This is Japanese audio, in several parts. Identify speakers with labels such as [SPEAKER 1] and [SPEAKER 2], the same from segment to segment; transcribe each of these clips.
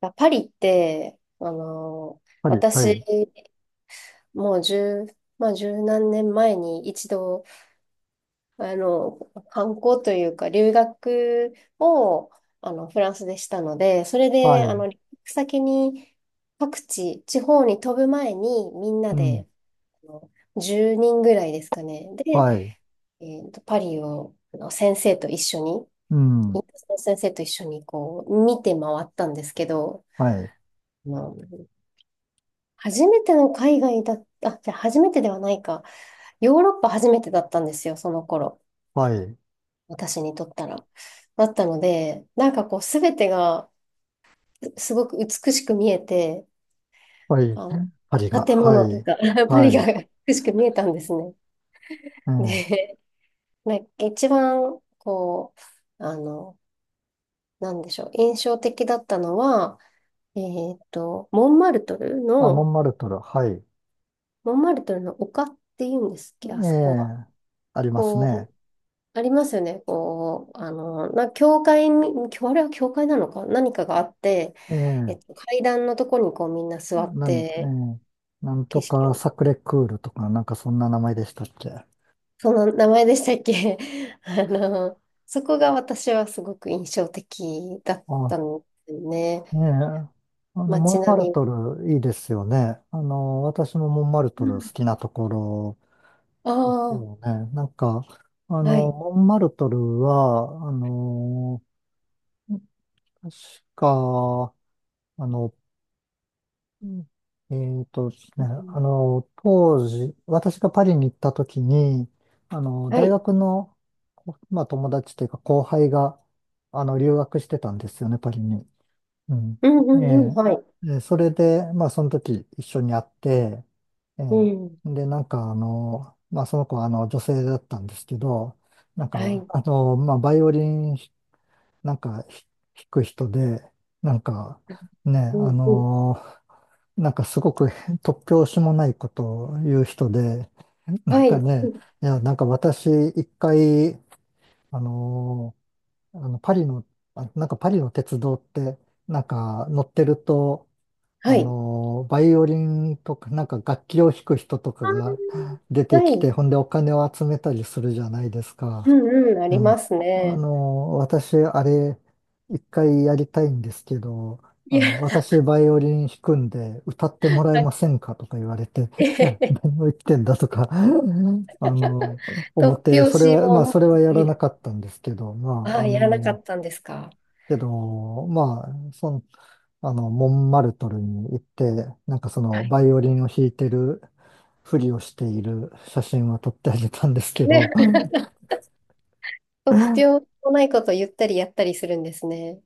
[SPEAKER 1] パリって、
[SPEAKER 2] はい、は
[SPEAKER 1] 私、
[SPEAKER 2] い、
[SPEAKER 1] もう十、まあ、十何年前に一度、あの、観光というか、留学を、フランスでしたので、それ
[SPEAKER 2] は
[SPEAKER 1] で、
[SPEAKER 2] い、
[SPEAKER 1] 留学先に、各地、地方に飛ぶ前に、みんな
[SPEAKER 2] うん、
[SPEAKER 1] で、あの、10人ぐらいですかね。で、
[SPEAKER 2] はい、
[SPEAKER 1] パリを、先生と一緒に、
[SPEAKER 2] うん、は
[SPEAKER 1] インドの先生と一緒に、こう、見て回ったんですけど、
[SPEAKER 2] い、
[SPEAKER 1] まあ初めての海外だ、あ、じゃあ初めてではないか。ヨーロッパ初めてだったんですよ、その頃。
[SPEAKER 2] はい、
[SPEAKER 1] 私にとったら。だったので、なんかこう、すべてがすごく美しく見えて、
[SPEAKER 2] はい、
[SPEAKER 1] あの、
[SPEAKER 2] 針が、
[SPEAKER 1] 建
[SPEAKER 2] は
[SPEAKER 1] 物と
[SPEAKER 2] い、
[SPEAKER 1] か、パリ
[SPEAKER 2] は
[SPEAKER 1] が
[SPEAKER 2] い、
[SPEAKER 1] 美しく見えたんですね。
[SPEAKER 2] ええ、
[SPEAKER 1] で、なんか一番、こう、なんでしょう、印象的だったのは、えーっと、モンマルトル
[SPEAKER 2] あ、モ
[SPEAKER 1] の、
[SPEAKER 2] ンマルトル、はい、
[SPEAKER 1] モンマルトルの丘っていうんですっけ、あ
[SPEAKER 2] え
[SPEAKER 1] そこは。
[SPEAKER 2] え、ありますね。
[SPEAKER 1] こありますよね。こう、教会に、あれは教会なのか、何かがあって、
[SPEAKER 2] ええ、
[SPEAKER 1] 階段のとこにこうみんな座って、
[SPEAKER 2] ええ、なんと
[SPEAKER 1] 景色
[SPEAKER 2] か
[SPEAKER 1] を、
[SPEAKER 2] サクレクールとか、なんかそんな名前でしたっけ。
[SPEAKER 1] その名前でしたっけ。 あの、そこが私はすごく印象的だっ
[SPEAKER 2] あ、
[SPEAKER 1] たんですよね。
[SPEAKER 2] ねえ、モ
[SPEAKER 1] 街
[SPEAKER 2] ン
[SPEAKER 1] 並
[SPEAKER 2] マル
[SPEAKER 1] み。
[SPEAKER 2] トルいいですよね。私もモンマルトル好きなところ
[SPEAKER 1] あ
[SPEAKER 2] です
[SPEAKER 1] あー、
[SPEAKER 2] よね。なんか、
[SPEAKER 1] はい。
[SPEAKER 2] モンマルトルは、確か、あの、えーとです
[SPEAKER 1] う
[SPEAKER 2] ね、
[SPEAKER 1] ん
[SPEAKER 2] あの、当時、私がパリに行った時に、
[SPEAKER 1] は
[SPEAKER 2] 大
[SPEAKER 1] い。
[SPEAKER 2] 学の、まあ、友達というか後輩が、留学してたんですよね、パリに。うん。
[SPEAKER 1] うんう
[SPEAKER 2] え
[SPEAKER 1] んうん。
[SPEAKER 2] え、
[SPEAKER 1] はい。
[SPEAKER 2] で、それで、まあ、その時一緒に会って、え
[SPEAKER 1] うん。
[SPEAKER 2] え、で、なんか、まあ、その子は、女性だったんですけど、なん
[SPEAKER 1] は
[SPEAKER 2] か、
[SPEAKER 1] い。
[SPEAKER 2] まあ、バイオリン、なんか、弾く人で、なんか、ね、
[SPEAKER 1] うんうん。
[SPEAKER 2] なんか、すごく突拍子もないことを言う人で、なん
[SPEAKER 1] はい。
[SPEAKER 2] か
[SPEAKER 1] う
[SPEAKER 2] ね、
[SPEAKER 1] ん
[SPEAKER 2] いや、なんか私、一回、あのパリの、あ、なんかパリの鉄道って、なんか乗ってると、
[SPEAKER 1] はい。
[SPEAKER 2] バイオリンとか、なんか楽器を弾く人とかが出
[SPEAKER 1] あー
[SPEAKER 2] てき
[SPEAKER 1] は
[SPEAKER 2] て、ほ
[SPEAKER 1] い。
[SPEAKER 2] んでお金を集めたりするじゃないです
[SPEAKER 1] う
[SPEAKER 2] か。
[SPEAKER 1] んうん。あ
[SPEAKER 2] う
[SPEAKER 1] り
[SPEAKER 2] ん。
[SPEAKER 1] ますね。
[SPEAKER 2] 私、あれ、一回やりたいんですけど、
[SPEAKER 1] いや。
[SPEAKER 2] 私、バイオリン弾くんで、歌っても らえ
[SPEAKER 1] は
[SPEAKER 2] ま
[SPEAKER 1] い。
[SPEAKER 2] せんかとか言われて、
[SPEAKER 1] え
[SPEAKER 2] い
[SPEAKER 1] へ
[SPEAKER 2] や、
[SPEAKER 1] へ、
[SPEAKER 2] 何を言ってんだとか、の、思っ
[SPEAKER 1] 突
[SPEAKER 2] て、
[SPEAKER 1] 拍
[SPEAKER 2] それ
[SPEAKER 1] 子
[SPEAKER 2] は、
[SPEAKER 1] も
[SPEAKER 2] まあ、
[SPEAKER 1] なさ
[SPEAKER 2] それは
[SPEAKER 1] す
[SPEAKER 2] やら
[SPEAKER 1] ぎ
[SPEAKER 2] な
[SPEAKER 1] る。
[SPEAKER 2] かったんですけど、ま
[SPEAKER 1] あ
[SPEAKER 2] あ、
[SPEAKER 1] あ、やらなかったんですか。
[SPEAKER 2] けど、まあ、その、モンマルトルに行って、なんかそ
[SPEAKER 1] は
[SPEAKER 2] の、
[SPEAKER 1] い。
[SPEAKER 2] バイオリンを弾いてるふりをしている写真は撮ってあげたんですけ
[SPEAKER 1] ね、
[SPEAKER 2] ど、うん、
[SPEAKER 1] 突拍子もないことを言ったりやったりするんですね。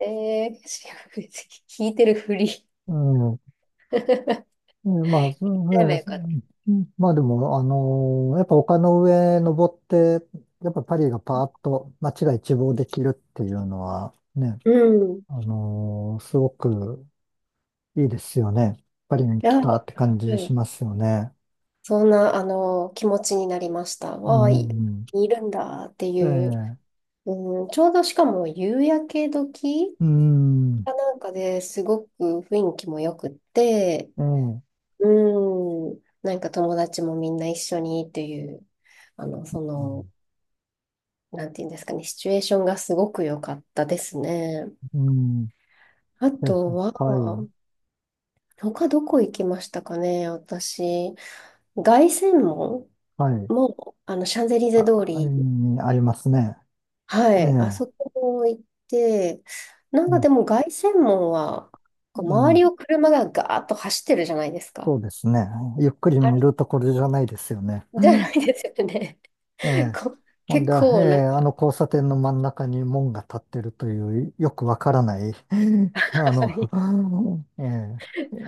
[SPEAKER 1] ええーし。 聞いてるふり。
[SPEAKER 2] うん、
[SPEAKER 1] や
[SPEAKER 2] うん、まあ、そ
[SPEAKER 1] れば
[SPEAKER 2] うで
[SPEAKER 1] よ
[SPEAKER 2] す。
[SPEAKER 1] かった。
[SPEAKER 2] うん、まあでも、やっぱ丘の上登って、やっぱパリがパーッと街が一望できるっていうのはね、
[SPEAKER 1] うん。い
[SPEAKER 2] すごくいいですよね。パリに来
[SPEAKER 1] や、
[SPEAKER 2] たっ
[SPEAKER 1] は
[SPEAKER 2] て感じし
[SPEAKER 1] い。
[SPEAKER 2] ますよね。
[SPEAKER 1] そんな、気持ちになりました。
[SPEAKER 2] う
[SPEAKER 1] わあ、
[SPEAKER 2] ん。
[SPEAKER 1] いるんだって
[SPEAKER 2] え
[SPEAKER 1] いう。
[SPEAKER 2] え、
[SPEAKER 1] うん、ちょうどしかも夕焼け時
[SPEAKER 2] うん、
[SPEAKER 1] かなんかですごく雰囲気も良くって、
[SPEAKER 2] ええ、う
[SPEAKER 1] うん。なんか友達もみんな一緒にっていう、あの、その、
[SPEAKER 2] ん、
[SPEAKER 1] なんていうんですかね、シチュエーションがすごく良かったですね。あ
[SPEAKER 2] です。
[SPEAKER 1] と
[SPEAKER 2] はい、
[SPEAKER 1] は、他どこ行きましたかね、私。凱旋門
[SPEAKER 2] はい。
[SPEAKER 1] も、シャンゼリゼ
[SPEAKER 2] あ、
[SPEAKER 1] 通
[SPEAKER 2] あれ
[SPEAKER 1] り、
[SPEAKER 2] にありますね。
[SPEAKER 1] は
[SPEAKER 2] ええ、
[SPEAKER 1] い、あそこも行って、なんかで
[SPEAKER 2] も
[SPEAKER 1] も凱旋門は、
[SPEAKER 2] う、
[SPEAKER 1] こう
[SPEAKER 2] う
[SPEAKER 1] 周
[SPEAKER 2] ん、
[SPEAKER 1] りを車がガーッと走ってるじゃないですか。
[SPEAKER 2] そうですね。ゆっくり
[SPEAKER 1] あ
[SPEAKER 2] 見
[SPEAKER 1] れ
[SPEAKER 2] るところじゃないですよね。う
[SPEAKER 1] じゃな
[SPEAKER 2] ん、
[SPEAKER 1] いですよね。
[SPEAKER 2] え え、
[SPEAKER 1] こう
[SPEAKER 2] ほん
[SPEAKER 1] 結
[SPEAKER 2] で、え
[SPEAKER 1] 構な
[SPEAKER 2] え、
[SPEAKER 1] ん
[SPEAKER 2] あの
[SPEAKER 1] か、
[SPEAKER 2] 交差点の真ん中に門が立ってるという、よくわからない、あ
[SPEAKER 1] は
[SPEAKER 2] の、
[SPEAKER 1] い
[SPEAKER 2] え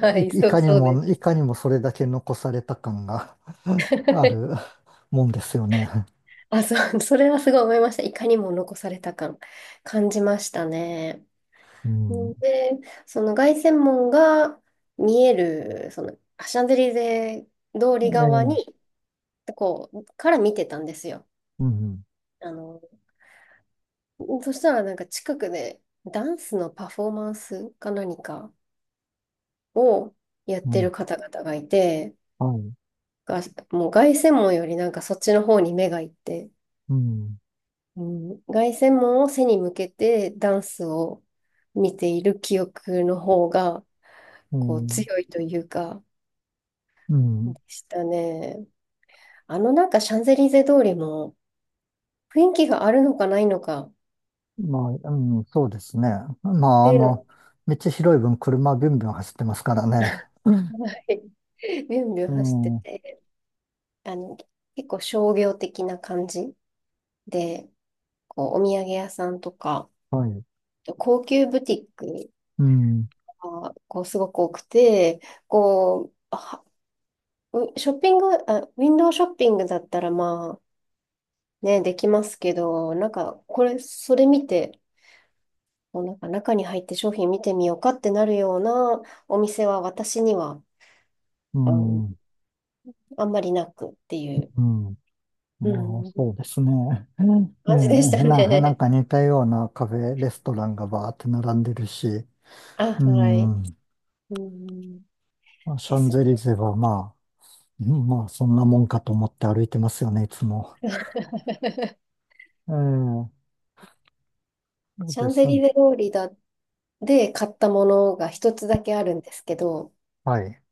[SPEAKER 1] は
[SPEAKER 2] え、
[SPEAKER 1] い、
[SPEAKER 2] い
[SPEAKER 1] そう、
[SPEAKER 2] かに
[SPEAKER 1] そうで
[SPEAKER 2] も、
[SPEAKER 1] す。
[SPEAKER 2] いかにもそれだけ残された感がある もんですよね。
[SPEAKER 1] あ、そう。それはすごい思いました。いかにも残された感じましたね。
[SPEAKER 2] うん。
[SPEAKER 1] で、その凱旋門が見える、その、シャンゼリゼ通り側
[SPEAKER 2] ええ、
[SPEAKER 1] に、こう、から見てたんですよ。
[SPEAKER 2] うん、
[SPEAKER 1] あの、そしたらなんか近くでダンスのパフォーマンスか何かをやっ
[SPEAKER 2] う
[SPEAKER 1] て
[SPEAKER 2] ん、
[SPEAKER 1] る方々がいて、
[SPEAKER 2] はい、
[SPEAKER 1] が、もう凱旋門よりなんかそっちの方に目がいって、
[SPEAKER 2] うん、
[SPEAKER 1] うん、凱旋門を背に向けてダンスを見ている記憶の方が
[SPEAKER 2] う
[SPEAKER 1] こう
[SPEAKER 2] ん、
[SPEAKER 1] 強いというか
[SPEAKER 2] う
[SPEAKER 1] で
[SPEAKER 2] ん、
[SPEAKER 1] したね。なんかシャンゼリゼ通りも雰囲気があるのかないのかっ
[SPEAKER 2] まあ、うん、そうですね。まあ、
[SPEAKER 1] ていうの
[SPEAKER 2] 道広い分車ビュンビュン走ってますからね。う
[SPEAKER 1] が、はい、ビュンビュン走って
[SPEAKER 2] ん、うん、
[SPEAKER 1] て、あの結構商業的な感じでこうお土産屋さんとか
[SPEAKER 2] はい、
[SPEAKER 1] 高級ブティック
[SPEAKER 2] うん、
[SPEAKER 1] がこうすごく多くてこうはうショッピング、あ、ウィンドウショッピングだったらまあね、できますけど、なんかそれ見て、もうなんか中に入って商品見てみようかってなるようなお店は私には、
[SPEAKER 2] う
[SPEAKER 1] あの、
[SPEAKER 2] ん、う
[SPEAKER 1] あんまりなくっていう、
[SPEAKER 2] ん、
[SPEAKER 1] う
[SPEAKER 2] まあ、
[SPEAKER 1] ん、
[SPEAKER 2] そうですね。うん、え
[SPEAKER 1] 感じでした
[SPEAKER 2] え、なん
[SPEAKER 1] ね。
[SPEAKER 2] か似たようなカフェ、レストランがバーって並んでるし、
[SPEAKER 1] あ、
[SPEAKER 2] う
[SPEAKER 1] はい。
[SPEAKER 2] ん、
[SPEAKER 1] うん、
[SPEAKER 2] シ
[SPEAKER 1] で
[SPEAKER 2] ャン
[SPEAKER 1] す
[SPEAKER 2] ゼリ
[SPEAKER 1] ね。
[SPEAKER 2] ゼはまあ、うん、まあ、そんなもんかと思って歩いてますよね、いつも。ええ、そう
[SPEAKER 1] シャ
[SPEAKER 2] で
[SPEAKER 1] ンゼ
[SPEAKER 2] す。
[SPEAKER 1] リゼ通りだで買ったものが一つだけあるんですけど、
[SPEAKER 2] はい。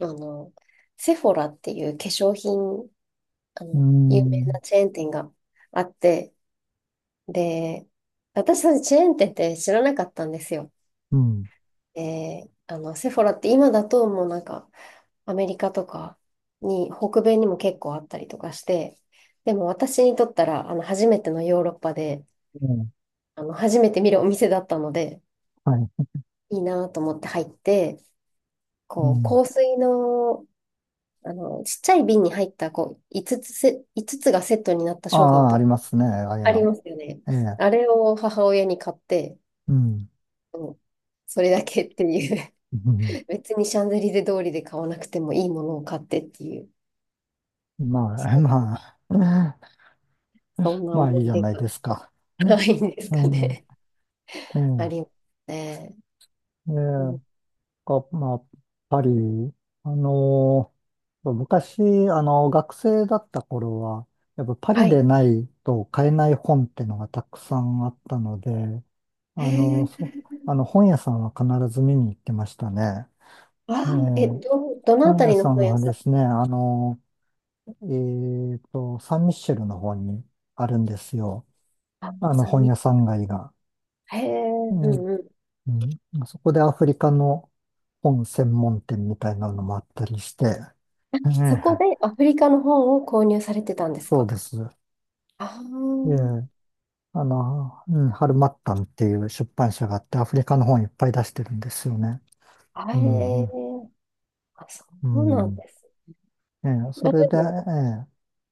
[SPEAKER 1] あの、セフォラっていう化粧品
[SPEAKER 2] うー
[SPEAKER 1] 有名
[SPEAKER 2] ん、
[SPEAKER 1] なチェーン店があって、で、私たちチェーン店って知らなかったんですよ。
[SPEAKER 2] うん、
[SPEAKER 1] で、セフォラって今だともうなんか、アメリカとかに、北米にも結構あったりとかして、でも私にとったら、初めてのヨーロッパで、
[SPEAKER 2] うん、
[SPEAKER 1] 初めて見るお店だったので、
[SPEAKER 2] はい、
[SPEAKER 1] いいなと思って入って、
[SPEAKER 2] う
[SPEAKER 1] こう、
[SPEAKER 2] ん。
[SPEAKER 1] 香水の、ちっちゃい瓶に入った、こう、5つつがセットになった
[SPEAKER 2] あ
[SPEAKER 1] 商品
[SPEAKER 2] あ、あり
[SPEAKER 1] と
[SPEAKER 2] ますね、ああいう
[SPEAKER 1] あり
[SPEAKER 2] の。
[SPEAKER 1] ますよね。
[SPEAKER 2] ええ、
[SPEAKER 1] あれを母親に買って、
[SPEAKER 2] うん、
[SPEAKER 1] うん、それだけっていう。
[SPEAKER 2] うん。
[SPEAKER 1] 別にシャンゼリゼ通りで買わなくてもいいものを買ってっていう、
[SPEAKER 2] まあ、まあ、
[SPEAKER 1] そんな
[SPEAKER 2] まあ
[SPEAKER 1] 思
[SPEAKER 2] いいじ
[SPEAKER 1] い
[SPEAKER 2] ゃ
[SPEAKER 1] 出
[SPEAKER 2] ない
[SPEAKER 1] が
[SPEAKER 2] ですか。う
[SPEAKER 1] な
[SPEAKER 2] ん、
[SPEAKER 1] いんですかね。
[SPEAKER 2] う
[SPEAKER 1] あ
[SPEAKER 2] ん、
[SPEAKER 1] りま
[SPEAKER 2] え
[SPEAKER 1] すね。
[SPEAKER 2] え、え
[SPEAKER 1] う
[SPEAKER 2] え、
[SPEAKER 1] ん、
[SPEAKER 2] まあ、パリ、あの昔、学生だった頃は、やっぱパ
[SPEAKER 1] は
[SPEAKER 2] リで
[SPEAKER 1] い。
[SPEAKER 2] ないと買えない本ってのがたくさんあったので、あ
[SPEAKER 1] へ
[SPEAKER 2] の、そ、
[SPEAKER 1] え。
[SPEAKER 2] あの、本屋さんは必ず見に行ってましたね。
[SPEAKER 1] わ
[SPEAKER 2] ええ。
[SPEAKER 1] あ、どのあ
[SPEAKER 2] 本
[SPEAKER 1] た
[SPEAKER 2] 屋
[SPEAKER 1] りの
[SPEAKER 2] さん
[SPEAKER 1] 本屋
[SPEAKER 2] は
[SPEAKER 1] さ
[SPEAKER 2] で
[SPEAKER 1] ん？
[SPEAKER 2] すね、サンミッシェルの方にあるんですよ。
[SPEAKER 1] あ、三
[SPEAKER 2] 本
[SPEAKER 1] 味。
[SPEAKER 2] 屋さん街が。
[SPEAKER 1] へえ、
[SPEAKER 2] う
[SPEAKER 1] う
[SPEAKER 2] ん、
[SPEAKER 1] んうん。
[SPEAKER 2] うん、そこでアフリカの本専門店みたいなのもあったりして、え
[SPEAKER 1] そ
[SPEAKER 2] え、
[SPEAKER 1] こでアフリカの本を購入されてたんです
[SPEAKER 2] そう
[SPEAKER 1] か？
[SPEAKER 2] です。
[SPEAKER 1] ああ
[SPEAKER 2] ええ、
[SPEAKER 1] ー、
[SPEAKER 2] うん、ハルマッタンっていう出版社があって、アフリカの本いっぱい出してるんですよね。
[SPEAKER 1] あれ、
[SPEAKER 2] うん、
[SPEAKER 1] あ、そ
[SPEAKER 2] う
[SPEAKER 1] うな
[SPEAKER 2] ん、う
[SPEAKER 1] ん
[SPEAKER 2] ん。
[SPEAKER 1] です。
[SPEAKER 2] ええ、そ
[SPEAKER 1] あ、で
[SPEAKER 2] れで、
[SPEAKER 1] も、
[SPEAKER 2] え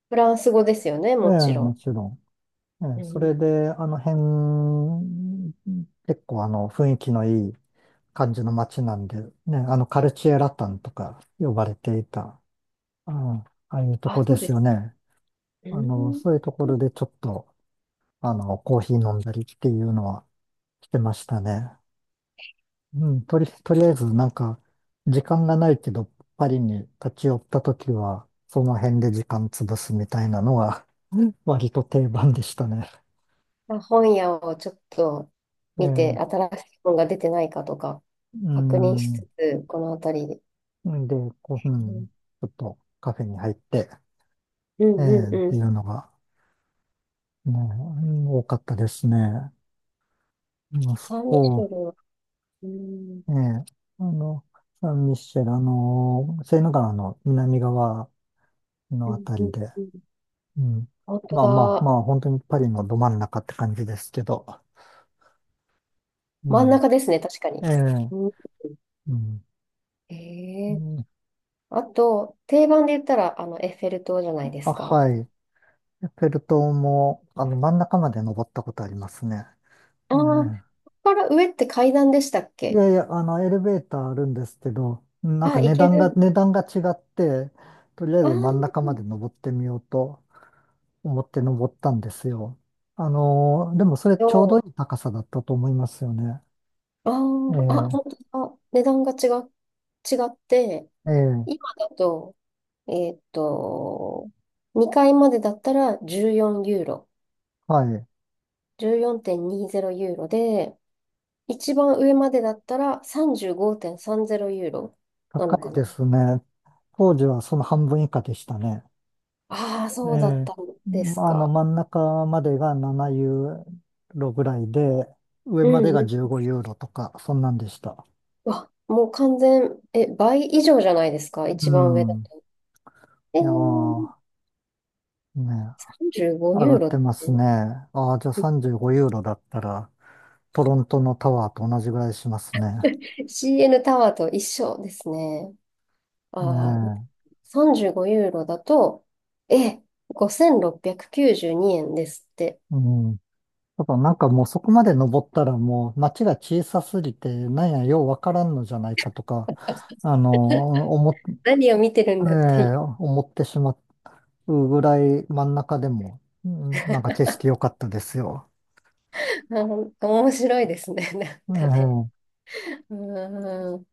[SPEAKER 1] フランス語ですよね、
[SPEAKER 2] え、え
[SPEAKER 1] も
[SPEAKER 2] え、
[SPEAKER 1] ち
[SPEAKER 2] も
[SPEAKER 1] ろ
[SPEAKER 2] ちろん。え
[SPEAKER 1] ん。
[SPEAKER 2] え、
[SPEAKER 1] う
[SPEAKER 2] そ
[SPEAKER 1] ん。
[SPEAKER 2] れで、あの辺、結構あの雰囲気のいい感じの街なんで、ね、あのカルチエラタンとか呼ばれていた、うん、ああいうと
[SPEAKER 1] あ、
[SPEAKER 2] こ
[SPEAKER 1] そ
[SPEAKER 2] で
[SPEAKER 1] うで
[SPEAKER 2] すよ
[SPEAKER 1] す。
[SPEAKER 2] ね。
[SPEAKER 1] うん。
[SPEAKER 2] そういうところでちょっと、コーヒー飲んだりっていうのはしてましたね。うん、とりあえずなんか、時間がないけど、パリに立ち寄った時は、その辺で時間潰すみたいなのが割と定番でしたね。
[SPEAKER 1] まあ、本屋をちょっと
[SPEAKER 2] え
[SPEAKER 1] 見て、
[SPEAKER 2] え、
[SPEAKER 1] 新しい本が出てないかとか、
[SPEAKER 2] う
[SPEAKER 1] 確認しつ
[SPEAKER 2] ん。
[SPEAKER 1] つ、この辺りで。
[SPEAKER 2] うん、で、こう、う
[SPEAKER 1] う
[SPEAKER 2] ん、ち
[SPEAKER 1] ん
[SPEAKER 2] ょっとカフェに入って、
[SPEAKER 1] う
[SPEAKER 2] え
[SPEAKER 1] んう
[SPEAKER 2] え
[SPEAKER 1] ん
[SPEAKER 2] っ
[SPEAKER 1] う
[SPEAKER 2] てい
[SPEAKER 1] ん。
[SPEAKER 2] うのが、ね、うん、多かったですね。まあ、
[SPEAKER 1] サンミシェ
[SPEAKER 2] そ
[SPEAKER 1] ルは、うん、
[SPEAKER 2] う、ええ、あの、サンミッシェル、セーヌ川の南側の
[SPEAKER 1] う
[SPEAKER 2] あ
[SPEAKER 1] ん
[SPEAKER 2] た
[SPEAKER 1] う
[SPEAKER 2] り
[SPEAKER 1] ん
[SPEAKER 2] で、
[SPEAKER 1] うん。
[SPEAKER 2] うん、
[SPEAKER 1] 本当
[SPEAKER 2] まあまあま
[SPEAKER 1] だ。
[SPEAKER 2] あ、本当にパリのど真ん中って感じですけど、う
[SPEAKER 1] 真ん
[SPEAKER 2] ん、
[SPEAKER 1] 中ですね、確か
[SPEAKER 2] え
[SPEAKER 1] に。
[SPEAKER 2] え、
[SPEAKER 1] うん、
[SPEAKER 2] うん、
[SPEAKER 1] へ
[SPEAKER 2] う
[SPEAKER 1] え、
[SPEAKER 2] ん、
[SPEAKER 1] あと、定番で言ったら、エッフェル塔じゃないで
[SPEAKER 2] あ、
[SPEAKER 1] すか。
[SPEAKER 2] はい。エッフェル塔も、真ん中まで登ったことありますね。
[SPEAKER 1] あ
[SPEAKER 2] ええ。
[SPEAKER 1] あ、ここから上って階段でしたっ
[SPEAKER 2] い
[SPEAKER 1] け？
[SPEAKER 2] やいや、エレベーターあるんですけど、なんか
[SPEAKER 1] あ、行ける。
[SPEAKER 2] 値段が違って、とりあえ
[SPEAKER 1] あ
[SPEAKER 2] ず
[SPEAKER 1] あ、
[SPEAKER 2] 真ん中まで登ってみようと思って登ったんですよ。でもそれ
[SPEAKER 1] ど
[SPEAKER 2] ちょうど
[SPEAKER 1] う
[SPEAKER 2] いい高さだったと思いますよね。
[SPEAKER 1] あ
[SPEAKER 2] え
[SPEAKER 1] あ
[SPEAKER 2] え、
[SPEAKER 1] あ、本当だ。値段が違う、違って、
[SPEAKER 2] ええ、
[SPEAKER 1] 今だと、えっと、2階までだったら14ユーロ、
[SPEAKER 2] はい。
[SPEAKER 1] 14.20ユーロで、一番上までだったら35.30ユーロな
[SPEAKER 2] 高
[SPEAKER 1] の
[SPEAKER 2] い
[SPEAKER 1] か
[SPEAKER 2] で
[SPEAKER 1] な。
[SPEAKER 2] すね。当時はその半分以下でしたね。
[SPEAKER 1] ああ、
[SPEAKER 2] え
[SPEAKER 1] そうだっ
[SPEAKER 2] え、
[SPEAKER 1] たんです
[SPEAKER 2] まあの、
[SPEAKER 1] か。
[SPEAKER 2] 真ん中までが7ユーロぐらいで、上
[SPEAKER 1] う
[SPEAKER 2] まで
[SPEAKER 1] ん
[SPEAKER 2] が
[SPEAKER 1] うん。
[SPEAKER 2] 15ユーロとか、そんなんでした。
[SPEAKER 1] わ、もう完全、え、倍以上じゃないですか、
[SPEAKER 2] う
[SPEAKER 1] 一番上だ
[SPEAKER 2] ん。
[SPEAKER 1] と。えー、
[SPEAKER 2] いやーね、
[SPEAKER 1] 35
[SPEAKER 2] 上が
[SPEAKER 1] ユー
[SPEAKER 2] っ
[SPEAKER 1] ロ
[SPEAKER 2] て
[SPEAKER 1] っ
[SPEAKER 2] ます
[SPEAKER 1] て
[SPEAKER 2] ね。ああ、じゃあ35ユーロだったら、トロントのタワーと同じぐらいしますね。
[SPEAKER 1] CN タワーと一緒ですね。
[SPEAKER 2] え
[SPEAKER 1] ああ、
[SPEAKER 2] え、
[SPEAKER 1] 35ユーロだと、え、5692円ですって。
[SPEAKER 2] うん。ただなんかもうそこまで登ったらもう街が小さすぎて、なんやようわからんのじゃないかとか、あ の、思っ、
[SPEAKER 1] 何を見てるん
[SPEAKER 2] え
[SPEAKER 1] だってい
[SPEAKER 2] 思ってしまうぐらい真ん中でも、うん、なんか景色良かったですよ。
[SPEAKER 1] う。あー面白いですね。なんかね。
[SPEAKER 2] ええ
[SPEAKER 1] うーん。